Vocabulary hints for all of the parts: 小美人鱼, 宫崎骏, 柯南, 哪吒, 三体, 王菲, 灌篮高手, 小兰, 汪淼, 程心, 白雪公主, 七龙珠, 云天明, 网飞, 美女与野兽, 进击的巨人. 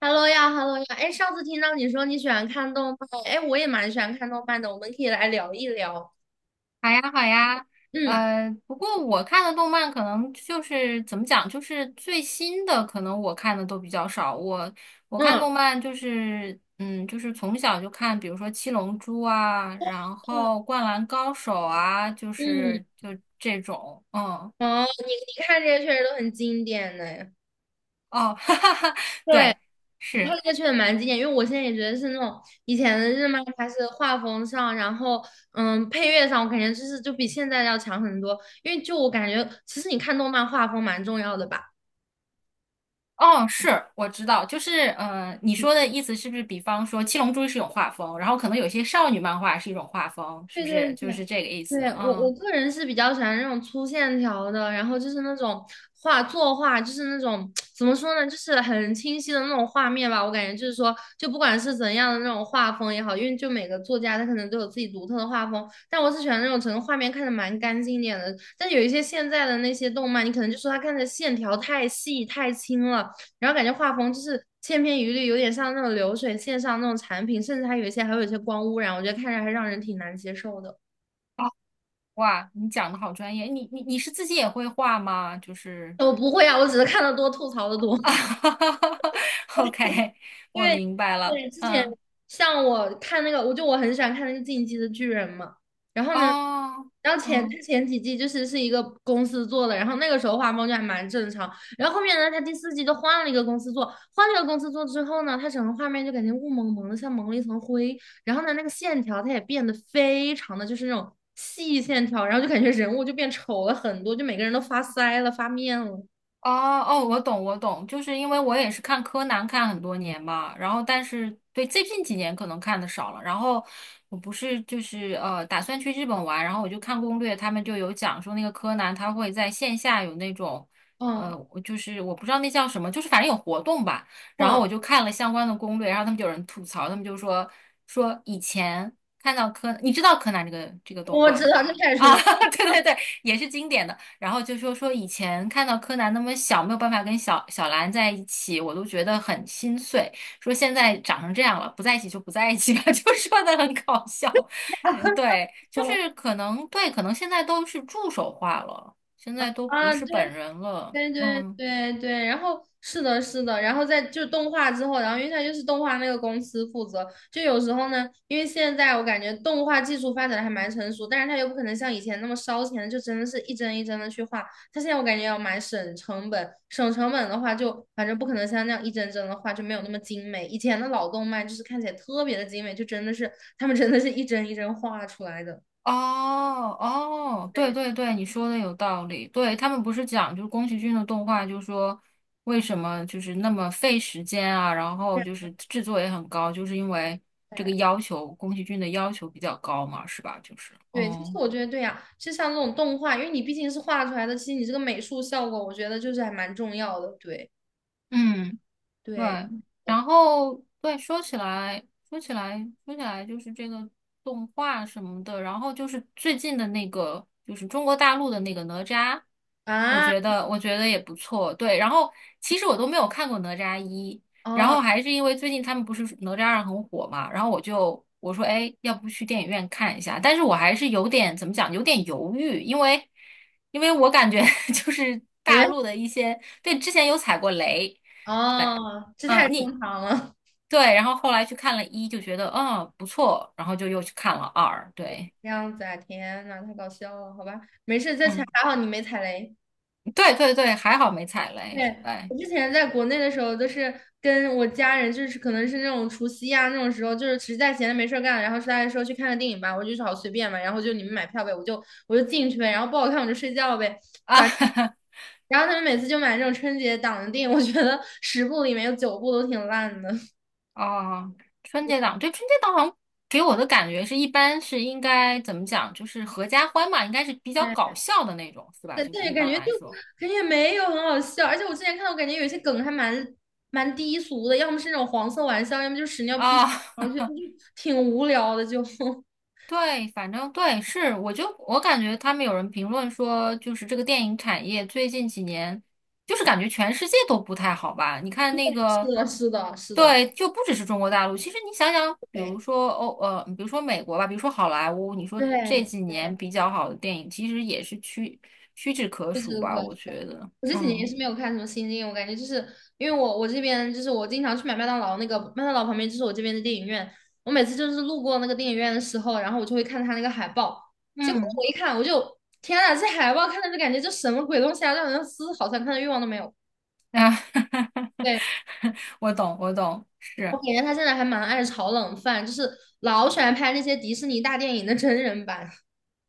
Hello 呀，Hello 呀，哎，上次听到你说你喜欢看动漫，哎，我也蛮喜欢看动漫的，我们可以来聊一聊。好呀，好呀，嗯不过我看的动漫可能就是怎么讲，就是最新的，可能我看的都比较少。我看嗯动漫就是，嗯，就是从小就看，比如说《七龙珠》啊，然嗯后《灌篮高手》啊，就嗯，是就这种，嗯，哦，你看这些确实都很经典呢。哦，哈哈哈，对，对，你看是，这个确实蛮经典，因为我现在也觉得是那种以前的日漫，它是画风上，然后配乐上，我感觉就比现在要强很多。因为就我感觉，其实你看动漫画风蛮重要的吧。哦，是，我知道，就是，嗯，你说的意思是不是，比方说《七龙珠》是一种画风，然后可能有些少女漫画是一种画风，是对不对是就对，是这个意思？对，我嗯。个人是比较喜欢那种粗线条的，然后就是那种画作画，就是那种怎么说呢，就是很清晰的那种画面吧。我感觉就是说，就不管是怎样的那种画风也好，因为就每个作家他可能都有自己独特的画风，但我是喜欢那种整个画面看着蛮干净一点的。但有一些现在的那些动漫，你可能就说它看着线条太细太轻了，然后感觉画风就是千篇一律，有点像那种流水线上那种产品，甚至还有一些光污染，我觉得看着还让人挺难接受的。哦，哇，你讲的好专业，你是自己也会画吗？就是 我不会啊，我只是看的多，吐槽的多。，OK，啊，因我为明白了，对之前嗯，像我看那个，我很喜欢看那个《进击的巨人》嘛，然后呢，哦，然后前嗯。前几季就是一个公司做的，然后那个时候画风就还蛮正常，然后后面呢，他第四季就换了一个公司做，换了一个公司做之后呢，他整个画面就感觉雾蒙蒙的，像蒙了一层灰，然后呢，那个线条它也变得非常的就是那种细线条，然后就感觉人物就变丑了很多，就每个人都发腮了、发面了，哦哦，我懂，我懂，就是因为我也是看柯南看很多年嘛，然后但是对最近几年可能看的少了，然后我不是就是打算去日本玩，然后我就看攻略，他们就有讲说那个柯南他会在线下有那种嗯我就是我不知道那叫什么，就是反正有活动吧，然后嗯，我就看了相关的攻略，然后他们就有人吐槽，他们就说以前看到柯，你知道柯南这个动我知漫道这吧？太出啊，名了。对对对，也是经典的。然后就说以前看到柯南那么小，没有办法跟小小兰在一起，我都觉得很心碎。说现在长成这样了，不在一起就不在一起吧，就说的很搞笑。嗯，对，就是可能对，可能现在都是助手化了，现在都不啊，对是本人了。对对嗯。对对，然后是的，是的，然后在就动画之后，然后因为它就是动画那个公司负责，就有时候呢，因为现在我感觉动画技术发展的还蛮成熟，但是他又不可能像以前那么烧钱，就真的是一帧一帧的去画，他现在我感觉要蛮省成本，省成本的话就反正不可能像那样一帧帧的画就没有那么精美，以前的老动漫就是看起来特别的精美，就真的是他们真的是一帧一帧画出来的，哦哦，对对。对对，你说的有道理。对，他们不是讲，就是宫崎骏的动画，就说为什么就是那么费时间啊，然后就是制作也很高，就是因为这个对要求，宫崎骏的要求比较高嘛，是吧？就是，对，其实嗯我觉得对呀、其实像这种动画，因为你毕竟是画出来的，其实你这个美术效果，我觉得就是还蛮重要的。对嗯。对，对，呃然后对，说起来，就是这个动画什么的，然后就是最近的那个，就是中国大陆的那个哪吒，我啊觉得，我觉得也不错。对，然后其实我都没有看过哪吒一，然哦，后还是因为最近他们不是哪吒二很火嘛，然后我说，哎，要不去电影院看一下？但是我还是有点怎么讲，有点犹豫，因为我感觉 就是感大觉陆的一些，对，之前有踩过雷。对，哦，这太嗯，你正常了，对，然后后来去看了一，就觉得嗯不错，然后就又去看了二，对，这样子啊，天呐，太搞笑了，好吧，没事，这还嗯，还好你没踩雷。对对对，还好没踩雷，对，对我之前在国内的时候，都是跟我家人，就是可能是那种除夕啊那种时候，就是实在闲着没事儿干，然后大家说去看个电影吧，我就说好随便嘛，然后就你们买票呗，我就进去呗，然后不好看我就睡觉呗。啊，然后他们每次就买这种春节档的电影，我觉得十部里面有九部都挺烂的。哦，春节档，对，春节档好像给我的感觉是一般是应该怎么讲，就是合家欢嘛，应该是比较搞哎，笑的那种，是吧？对就但是也一感般觉来就说感觉也没有很好笑，而且我之前看到，我感觉有一些梗还蛮低俗的，要么是那种黄色玩笑，要么就是屎尿屁，啊，我觉得就 挺无聊的。就 是对，反正对，是，我感觉他们有人评论说，就是这个电影产业最近几年，就是感觉全世界都不太好吧？你看那个，的，是的，是的，对，就不只是中国大陆。其实你想想，比对如说欧，比如说美国吧，比如说好莱坞，你说这对几对，年比较好的电影，其实也是屈指可就这数个可吧？我觉得，我这几年也嗯是没有看什么新电影，我感觉就是因为我这边就是我经常去买麦当劳，那个麦当劳旁边就是我这边的电影院，我每次就是路过那个电影院的时候，然后我就会看它那个海报，结果嗯我一看我就天呐，这海报看着就感觉这什么鬼东西啊，让人丝毫想看的欲望都没有。啊，对，我懂，我懂，我是。感觉他现在还蛮爱炒冷饭，就是老喜欢拍那些迪士尼大电影的真人版。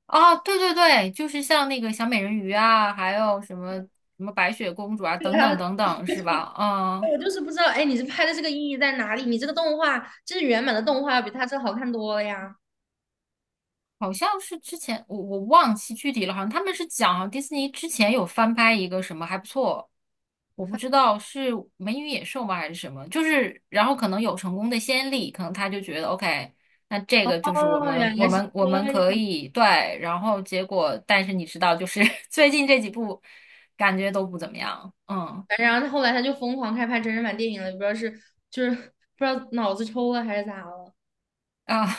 啊，对对对，就是像那个小美人鱼啊，还有什么白雪公主啊，对等啊，等等等，是吧？嗯，我就是不知道，哎，你这拍的这个意义在哪里？你这个动画，就是原版的动画，比他这好看多了呀。好像是之前我忘记具体了，好像他们是讲好像迪士尼之前有翻拍一个什么还不错，我不知道是《美女与野兽》吗还是什么，就是然后可能有成功的先例，可能他就觉得 OK，那这个就是我哦，们原来我是们我这们可样。以对，然后结果但是你知道，就是 最近这几部感觉都不怎么样，嗯然后他后来就疯狂开拍真人版电影了，也不知道是就是不知道脑子抽了还是咋了，啊。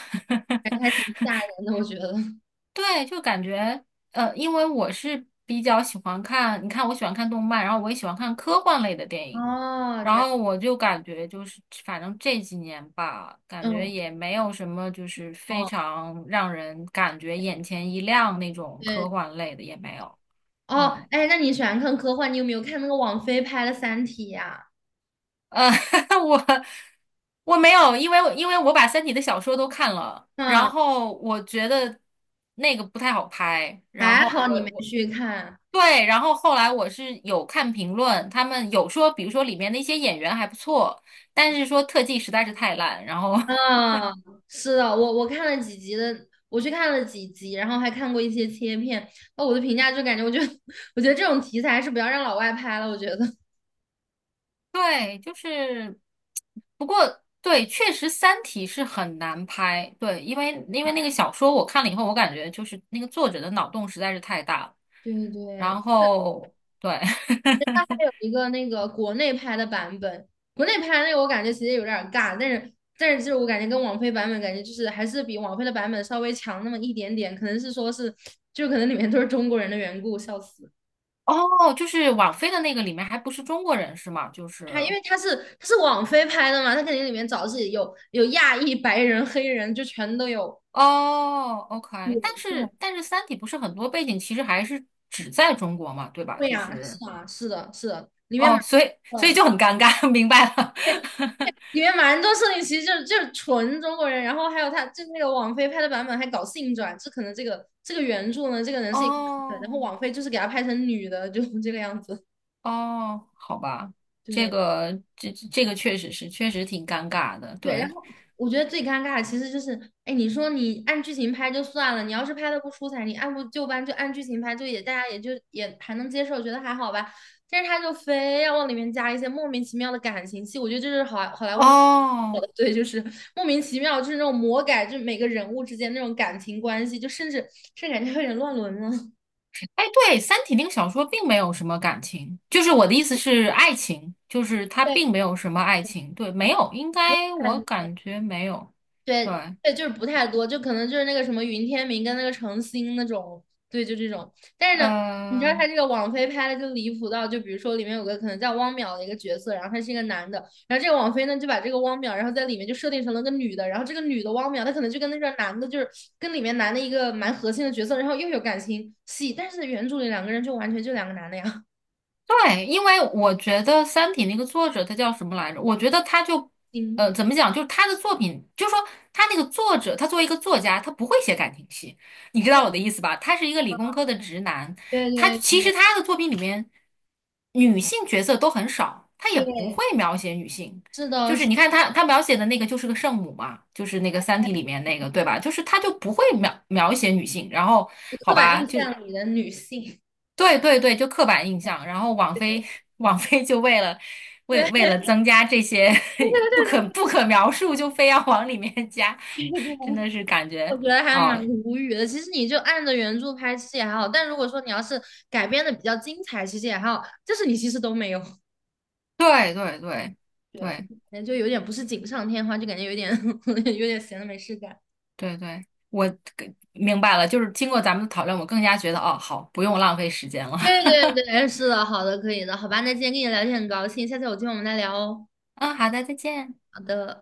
反正 还挺吓人的，我觉得。对，就感觉因为我是比较喜欢看，你看我喜欢看动漫，然后我也喜欢看科幻类的电影，哦，然这样，后我就感觉就是，反正这几年吧，感觉嗯，也没有什么就是非哦，常让人感觉眼前一亮那种科对，幻类的也没有，哦，嗯，哎，那你喜欢看科幻？你有没有看那个王菲拍的《三体》呀？呃，我我没有，因为我把《三体》的小说都看了，然嗯，后我觉得那个不太好拍，然还后。好你没去看。对，然后后来我是有看评论，他们有说，比如说里面的一些演员还不错，但是说特技实在是太烂。然后 啊，是的，我看了几集的，我去看了几集，然后还看过一些切片。那我的评价就感觉，我觉得 我觉得这种题材是不要让老外拍了，我觉得。对，就是，不过对，确实《三体》是很难拍，对，因为啊，那个小说我看了以后，我感觉就是那个作者的脑洞实在是太大了。对然对，后对，它还有 一个那个国内拍的版本，国内拍的那个我感觉其实有点儿尬，但是就是我感觉跟网飞版本感觉就是还是比网飞的版本稍微强那么一点点，可能是说是就可能里面都是中国人的缘故，笑死。哦，就是网飞的那个里面还不是中国人是吗？就是。他因为他是网飞拍的嘛，他肯定里面找自己有亚裔、白人、黑人，就全都有。哦，OK，对但对，是《三体》不是很多背景其实还是只在中国嘛，对吧？对就呀，是是啊，是的，是的，里面蛮。哦，所以就很尴尬，明白了。里面蛮多设定其实就是纯中国人，然后还有他就那个网飞拍的版本还搞性转，这可能这个原著呢，这个 人是一个男的，然后哦网飞就是给他拍成女的，就这个样子。哦，好吧，这对，个这这个确实是确实挺尴尬的，对，然对。后我觉得最尴尬的其实就是，哎，你说你按剧情拍就算了，你要是拍的不出彩，你按部就班就按剧情拍，就也大家也就也还能接受，觉得还好吧。但是他就非要往里面加一些莫名其妙的感情戏，我觉得这是好莱坞的，哦，对，就是莫名其妙，就是那种魔改，就每个人物之间那种感情关系，就甚至感觉有点乱伦了。哎，对，《三体》那个小说并没有什么感情，就是我的意思是爱情，就是它对，并没有什么爱情，对，没有，应该我感觉没有，对对。对，就是不太多，就可能就是那个什么云天明跟那个程心那种，对，就这种。但是呢，你知道他嗯。这个网飞拍的就离谱到，就比如说里面有个可能叫汪淼的一个角色，然后他是一个男的，然后这个网飞呢就把这个汪淼，然后在里面就设定成了个女的，然后这个女的汪淼，她可能就跟那个男的，就是跟里面男的一个蛮核心的角色，然后又有感情戏，但是原著里两个人就完全就两个男的呀，对，因为我觉得《三体》那个作者他叫什么来着？我觉得他就，嗯，怎么讲？就是他的作品，就是说他那个作者，他作为一个作家，他不会写感情戏，你知道我的 意思吧？他是一个理工科的直男，对他对其实对他的作品里面女性角色都很少，他也不对，会描写女性。是的，就是是你看他描写的那个就是个圣母嘛，就是那个《三体》里面那个，对吧？就是他就不会描写女性，然后刻好板吧，印就象里的女性，对对对，就刻板印象。然后网 对。飞，网飞就为了为为对了增加这些 对 不对可对不对，可描述，就非要往里面加，真的是感我觉觉得还蛮哦，无语的。其实你就按着原著拍，戏也还好。但如果说你要是改编的比较精彩，其实也还好。就是你其实都没有，对对对对，所对以感觉就有点不是锦上添花，就感觉有点 有点闲的没事干。对对，我明白了，就是经过咱们的讨论，我更加觉得哦，好，不用浪费时间了。对对 对，是的，好的，可以的，好吧。那今天跟你聊天很高兴，下次有机会我们再聊哦。嗯，好的，再见。好的。